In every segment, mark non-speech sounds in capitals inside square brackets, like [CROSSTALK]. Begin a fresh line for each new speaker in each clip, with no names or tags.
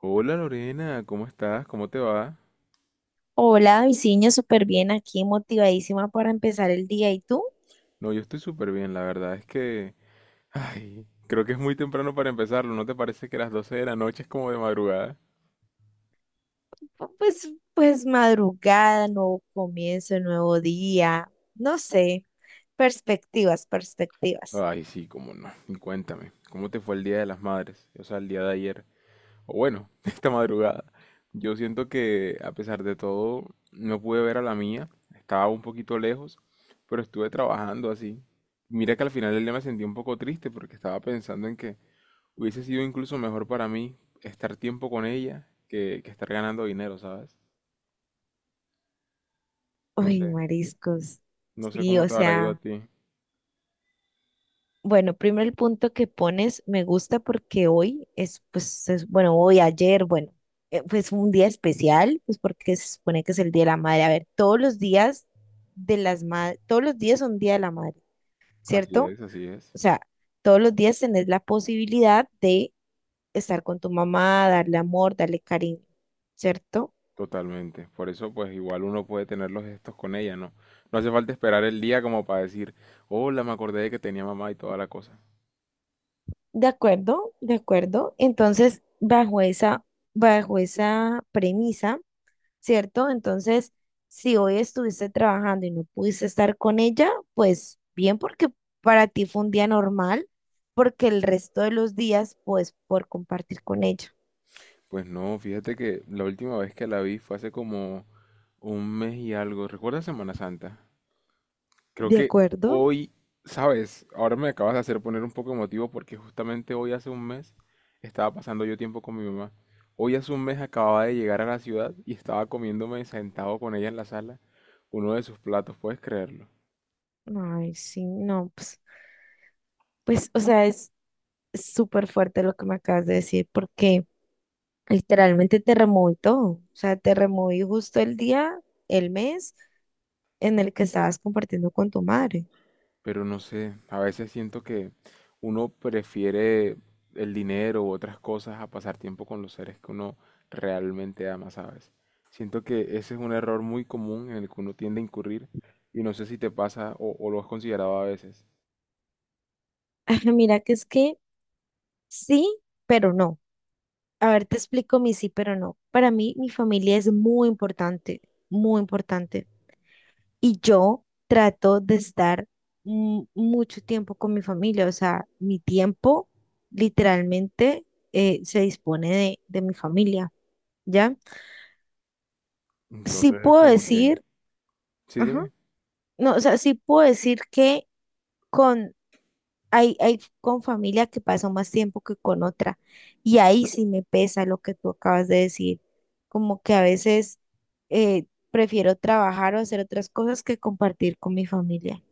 Hola Lorena, ¿cómo estás? ¿Cómo te va?
Hola, Viciño, súper bien aquí, motivadísima para empezar el día. ¿Y tú?
No, yo estoy súper bien, la verdad es que... Ay, creo que es muy temprano para empezarlo, ¿no te parece que las 12 de la noche es como de madrugada?
Pues madrugada, nuevo comienzo, nuevo día. No sé, perspectivas, perspectivas.
Ay, sí, cómo no. Y cuéntame, ¿cómo te fue el Día de las Madres? O sea, el día de ayer. O bueno, [LAUGHS] esta madrugada. Yo siento que, a pesar de todo, no pude ver a la mía, estaba un poquito lejos, pero estuve trabajando así. Mira que al final del día me sentí un poco triste porque estaba pensando en que... Hubiese sido incluso mejor para mí estar tiempo con ella que estar ganando dinero, ¿sabes? No
Uy,
sé,
mariscos.
no sé
Sí,
cómo Sí,
o
te habrá ido a
sea,
ti.
bueno, primero el punto que pones me gusta porque hoy es, pues, bueno, hoy, ayer, bueno, pues un día especial, pues porque se supone que es el Día de la Madre. A ver, todos los días de las madres, todos los días son Día de la Madre, ¿cierto?
Así es,
O sea, todos los días tenés la posibilidad de estar con tu mamá, darle amor, darle cariño, ¿cierto?
totalmente. Por eso, pues igual uno puede tener los gestos con ella, ¿no? No hace falta esperar el día como para decir, hola, me acordé de que tenía mamá y toda la cosa.
De acuerdo, de acuerdo. Entonces, bajo esa premisa, ¿cierto? Entonces, si hoy estuviste trabajando y no pudiste estar con ella, pues bien, porque para ti fue un día normal, porque el resto de los días, pues, por compartir con ella.
Pues no, fíjate que la última vez que la vi fue hace como un mes y algo. ¿Recuerdas Semana Santa? Creo
¿De
que
acuerdo?
hoy, sabes, ahora me acabas de hacer poner un poco emotivo porque justamente hoy hace un mes estaba pasando yo tiempo con mi mamá. Hoy hace un mes acababa de llegar a la ciudad y estaba comiéndome sentado con ella en la sala uno de sus platos, ¿puedes creerlo?
Ay, sí, no, pues, pues, o sea, es súper fuerte lo que me acabas de decir, porque literalmente te removí todo. O sea, te removí justo el día, el mes en el que estabas compartiendo con tu madre.
Pero no sé, a veces siento que uno prefiere el dinero u otras cosas a pasar tiempo con los seres que uno realmente ama, ¿sabes? Siento que ese es un error muy común en el que uno tiende a incurrir y no sé si te pasa o lo has considerado a veces.
[LAUGHS] Ajá, mira que es que sí, pero no. A ver, te explico mi sí, pero no. Para mí, mi familia es muy importante, muy importante. Y yo trato de estar mucho tiempo con mi familia. O sea, mi tiempo literalmente se dispone de mi familia, ¿ya? Sí
Entonces es
puedo
como que,
decir,
sí,
ajá.
dime.
No, o sea, sí puedo decir que con, hay con familia que paso más tiempo que con otra. Y ahí sí me pesa lo que tú acabas de decir. Como que a veces eh, prefiero trabajar o hacer otras cosas que compartir con mi familia.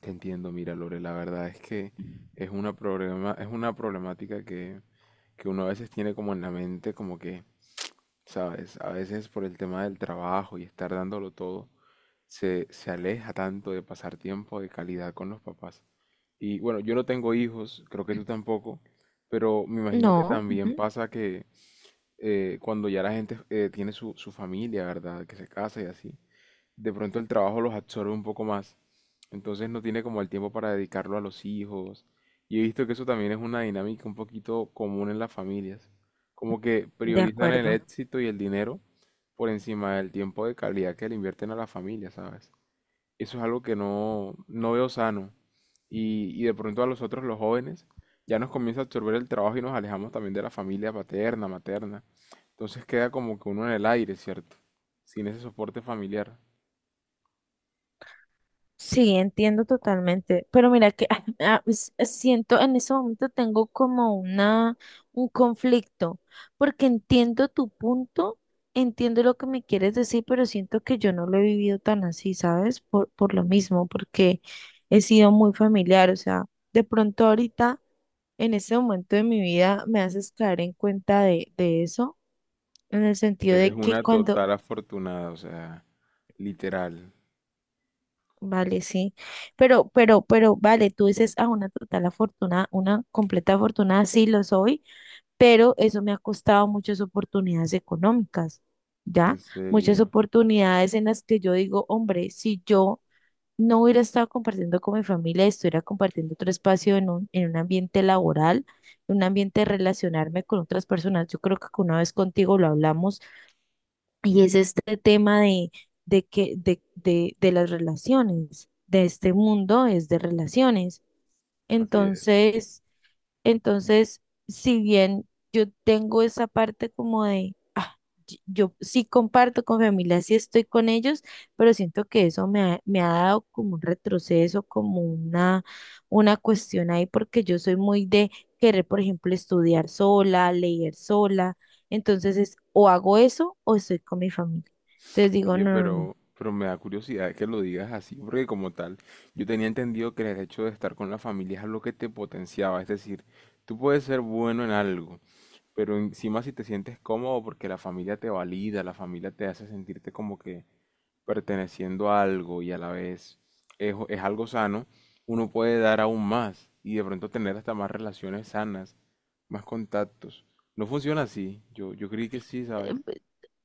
Te entiendo, mira, Lore, la verdad es que es una problema, es una problemática que uno a veces tiene como en la mente, como que, ¿sabes? A veces por el tema del trabajo y estar dándolo todo se aleja tanto de pasar tiempo de calidad con los papás. Y bueno, yo no tengo hijos, creo que tú tampoco, pero me imagino que
No,
también
ujú,
pasa que cuando ya la gente tiene su familia, ¿verdad? Que se casa y así, de pronto el trabajo los absorbe un poco más. Entonces no tiene como el tiempo para dedicarlo a los hijos. Y he visto que eso también es una dinámica un poquito común en las familias. Como que
de
priorizan el
acuerdo.
éxito y el dinero por encima del tiempo de calidad que le invierten a la familia, ¿sabes? Eso es algo que no veo sano. Y de pronto a nosotros los jóvenes ya nos comienza a absorber el trabajo y nos alejamos también de la familia paterna, materna. Entonces queda como que uno en el aire, ¿cierto? Sin ese soporte familiar.
Sí, entiendo totalmente, pero mira que [LAUGHS] siento en ese momento tengo como una un conflicto, porque entiendo tu punto, entiendo lo que me quieres decir, pero siento que yo no lo he vivido tan así, ¿sabes? Por lo mismo, porque he sido muy familiar, o sea, de pronto ahorita en ese momento de mi vida me haces caer en cuenta de eso, en el sentido
Eres
de que
una
cuando
total afortunada, o sea, literal.
vale, sí. Pero, vale, tú dices, ah, una total afortunada, una completa afortunada, sí lo soy, pero eso me ha costado muchas oportunidades económicas,
En
¿ya? Muchas
serio,
oportunidades en las que yo digo, hombre, si yo no hubiera estado compartiendo con mi familia, estuviera compartiendo otro espacio en un ambiente laboral, en un ambiente de relacionarme con otras personas. Yo creo que una vez contigo lo hablamos, y es este tema de, de las relaciones, de este mundo es de relaciones.
así es.
Entonces, entonces, si bien yo tengo esa parte como de yo sí comparto con familia, sí estoy con ellos, pero siento que eso me ha dado como un retroceso, como una cuestión ahí, porque yo soy muy de querer, por ejemplo, estudiar sola, leer sola. Entonces es o hago eso o estoy con mi familia. Entonces digo,
Oye,
no, no, no.
pero me da curiosidad que lo digas así, porque como tal, yo tenía entendido que el hecho de estar con la familia es algo que te potenciaba, es decir, tú puedes ser bueno en algo, pero encima si te sientes cómodo porque la familia te valida, la familia te hace sentirte como que perteneciendo a algo y a la vez es algo sano, uno puede dar aún más y de pronto tener hasta más relaciones sanas, más contactos. No funciona así, yo creí que sí,
eh,
¿sabes?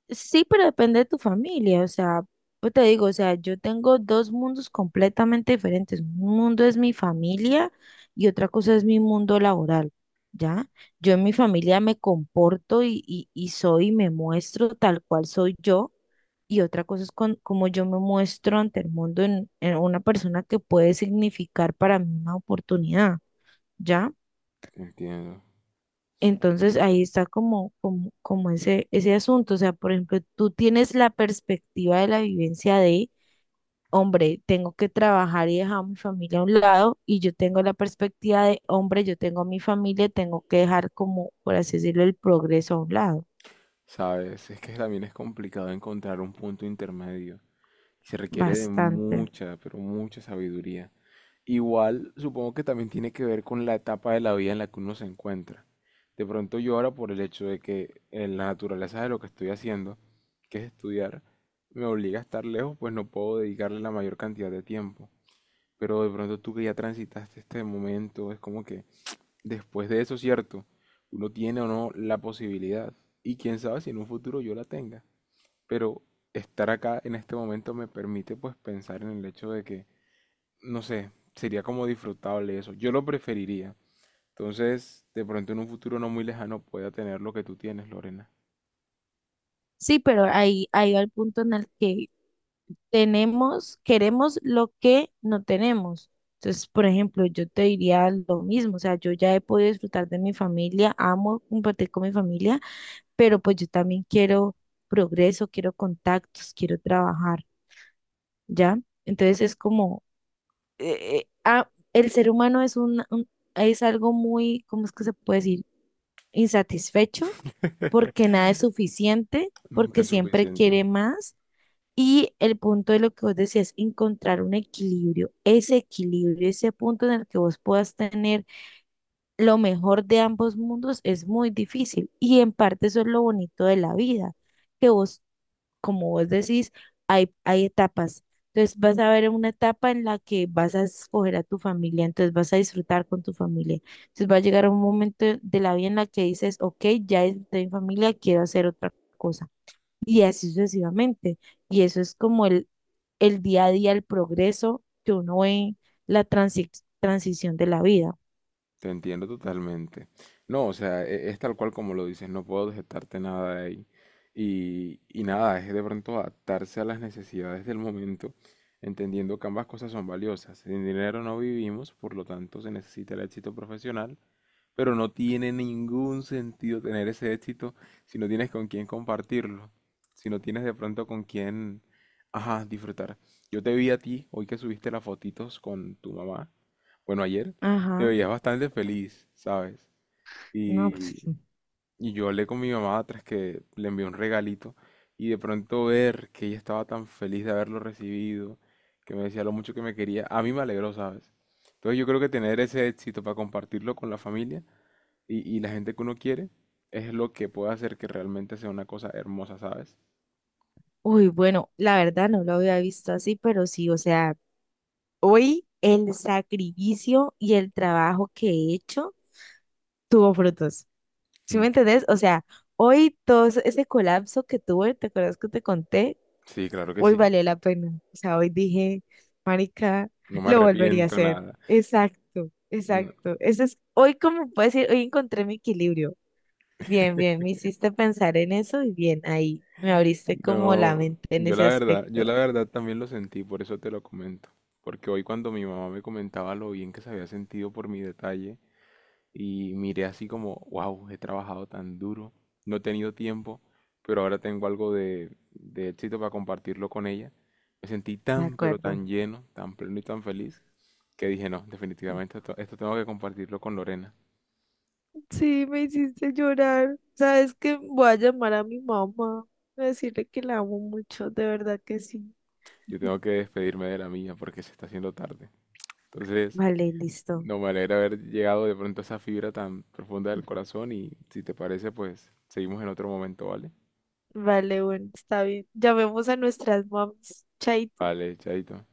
Sí, pero depende de tu familia, o sea, pues te digo, o sea, yo tengo dos mundos completamente diferentes. Un mundo es mi familia y otra cosa es mi mundo laboral, ¿ya? Yo en mi familia me comporto y soy, me muestro tal cual soy yo, y otra cosa es con, como yo me muestro ante el mundo en una persona que puede significar para mí una oportunidad, ¿ya?
Te entiendo.
Entonces ahí está como ese asunto. O sea, por ejemplo, tú tienes la perspectiva de la vivencia de, hombre, tengo que trabajar y dejar a mi familia a un lado, y yo tengo la perspectiva de, hombre, yo tengo a mi familia, tengo que dejar como, por así decirlo, el progreso a un lado.
Sabes, es que también es complicado encontrar un punto intermedio. Se requiere de
Bastante.
mucha, pero mucha sabiduría. Igual, supongo que también tiene que ver con la etapa de la vida en la que uno se encuentra. De pronto yo ahora por el hecho de que en la naturaleza de lo que estoy haciendo, que es estudiar, me obliga a estar lejos, pues no puedo dedicarle la mayor cantidad de tiempo. Pero de pronto tú que ya transitaste este momento, es como que después de eso, cierto, uno tiene o no la posibilidad. Y quién sabe si en un futuro yo la tenga pero estar acá en este momento me permite pues pensar en el hecho de que, no sé, sería como disfrutable eso. Yo lo preferiría. Entonces, de pronto en un futuro no muy lejano pueda tener lo que tú tienes, Lorena.
Sí, pero ahí, ahí va el punto en el que tenemos, queremos lo que no tenemos. Entonces, por ejemplo, yo te diría lo mismo, o sea, yo ya he podido disfrutar de mi familia, amo compartir con mi familia, pero pues yo también quiero progreso, quiero contactos, quiero trabajar, ¿ya? Entonces es como, el ser humano es un, es algo muy, ¿cómo es que se puede decir? Insatisfecho, porque nada es suficiente,
Nunca
porque
es
siempre quiere
suficiente.
más. Y el punto de lo que vos decías, encontrar un equilibrio, ese punto en el que vos puedas tener lo mejor de ambos mundos es muy difícil. Y en parte eso es lo bonito de la vida, que vos, como vos decís, hay etapas. Entonces vas a ver una etapa en la que vas a escoger a tu familia, entonces vas a disfrutar con tu familia. Entonces va a llegar un momento de la vida en la que dices, ok, ya disfruté de mi familia, quiero hacer otra cosa y así sucesivamente. Y eso es como el día a día, el progreso que uno ve en la transición de la vida.
Te entiendo totalmente. No, o sea, e- es, tal cual como lo dices, no puedo objetarte nada de ahí. Y nada, es de pronto adaptarse a las necesidades del momento, entendiendo que ambas cosas son valiosas. Sin dinero no vivimos, por lo tanto se necesita el éxito profesional, pero no tiene ningún sentido tener ese éxito si no tienes con quién compartirlo, si no tienes de pronto con quién, ajá, disfrutar. Yo te vi a ti hoy que subiste las fotitos con tu mamá, bueno, ayer te
Ajá,
veías bastante feliz, ¿sabes?
no, pues,
Y, y yo hablé con mi mamá tras que le envié un regalito y de pronto ver que ella estaba tan feliz de haberlo recibido, que me decía lo mucho que me quería, a mí me alegró, ¿sabes? Entonces yo creo que tener ese éxito para compartirlo con la familia y la gente que uno quiere es lo que puede hacer que realmente sea una cosa hermosa, ¿sabes?
uy, bueno, la verdad no lo había visto así, pero sí, o sea, hoy el sacrificio y el trabajo que he hecho tuvo frutos. ¿Sí
Mm.
me entendés? O sea, hoy todo ese colapso que tuve, ¿te acuerdas que te conté?
Sí, claro que
Hoy
sí.
valió la pena. O sea, hoy dije, marica,
No me
lo volvería a
arrepiento
hacer.
nada.
Exacto, exacto. Eso es, hoy como puedo decir, hoy encontré mi equilibrio. Bien, bien, me hiciste pensar en eso y bien, ahí me abriste como la
No,
mente en ese
yo
aspecto.
la verdad también lo sentí, por eso te lo comento. Porque hoy cuando mi mamá me comentaba lo bien que se había sentido por mi detalle y miré así como, wow, he trabajado tan duro, no he tenido tiempo, pero ahora tengo algo de éxito para compartirlo con ella. Me sentí
De
tan, pero
acuerdo.
tan lleno, tan pleno y tan feliz que dije, no, definitivamente esto, esto tengo que compartirlo con Lorena.
Sí, me hiciste llorar. ¿Sabes qué? Voy a llamar a mi mamá, voy a decirle que la amo mucho, de verdad que sí.
Yo tengo que despedirme de la mía porque se está haciendo tarde. Entonces,
Vale, listo.
no me alegra haber llegado de pronto a esa fibra tan profunda del corazón y si te parece, pues seguimos en otro momento, ¿vale?
Vale, bueno, está bien. Llamemos a nuestras moms. Chaito.
Vale, chaito.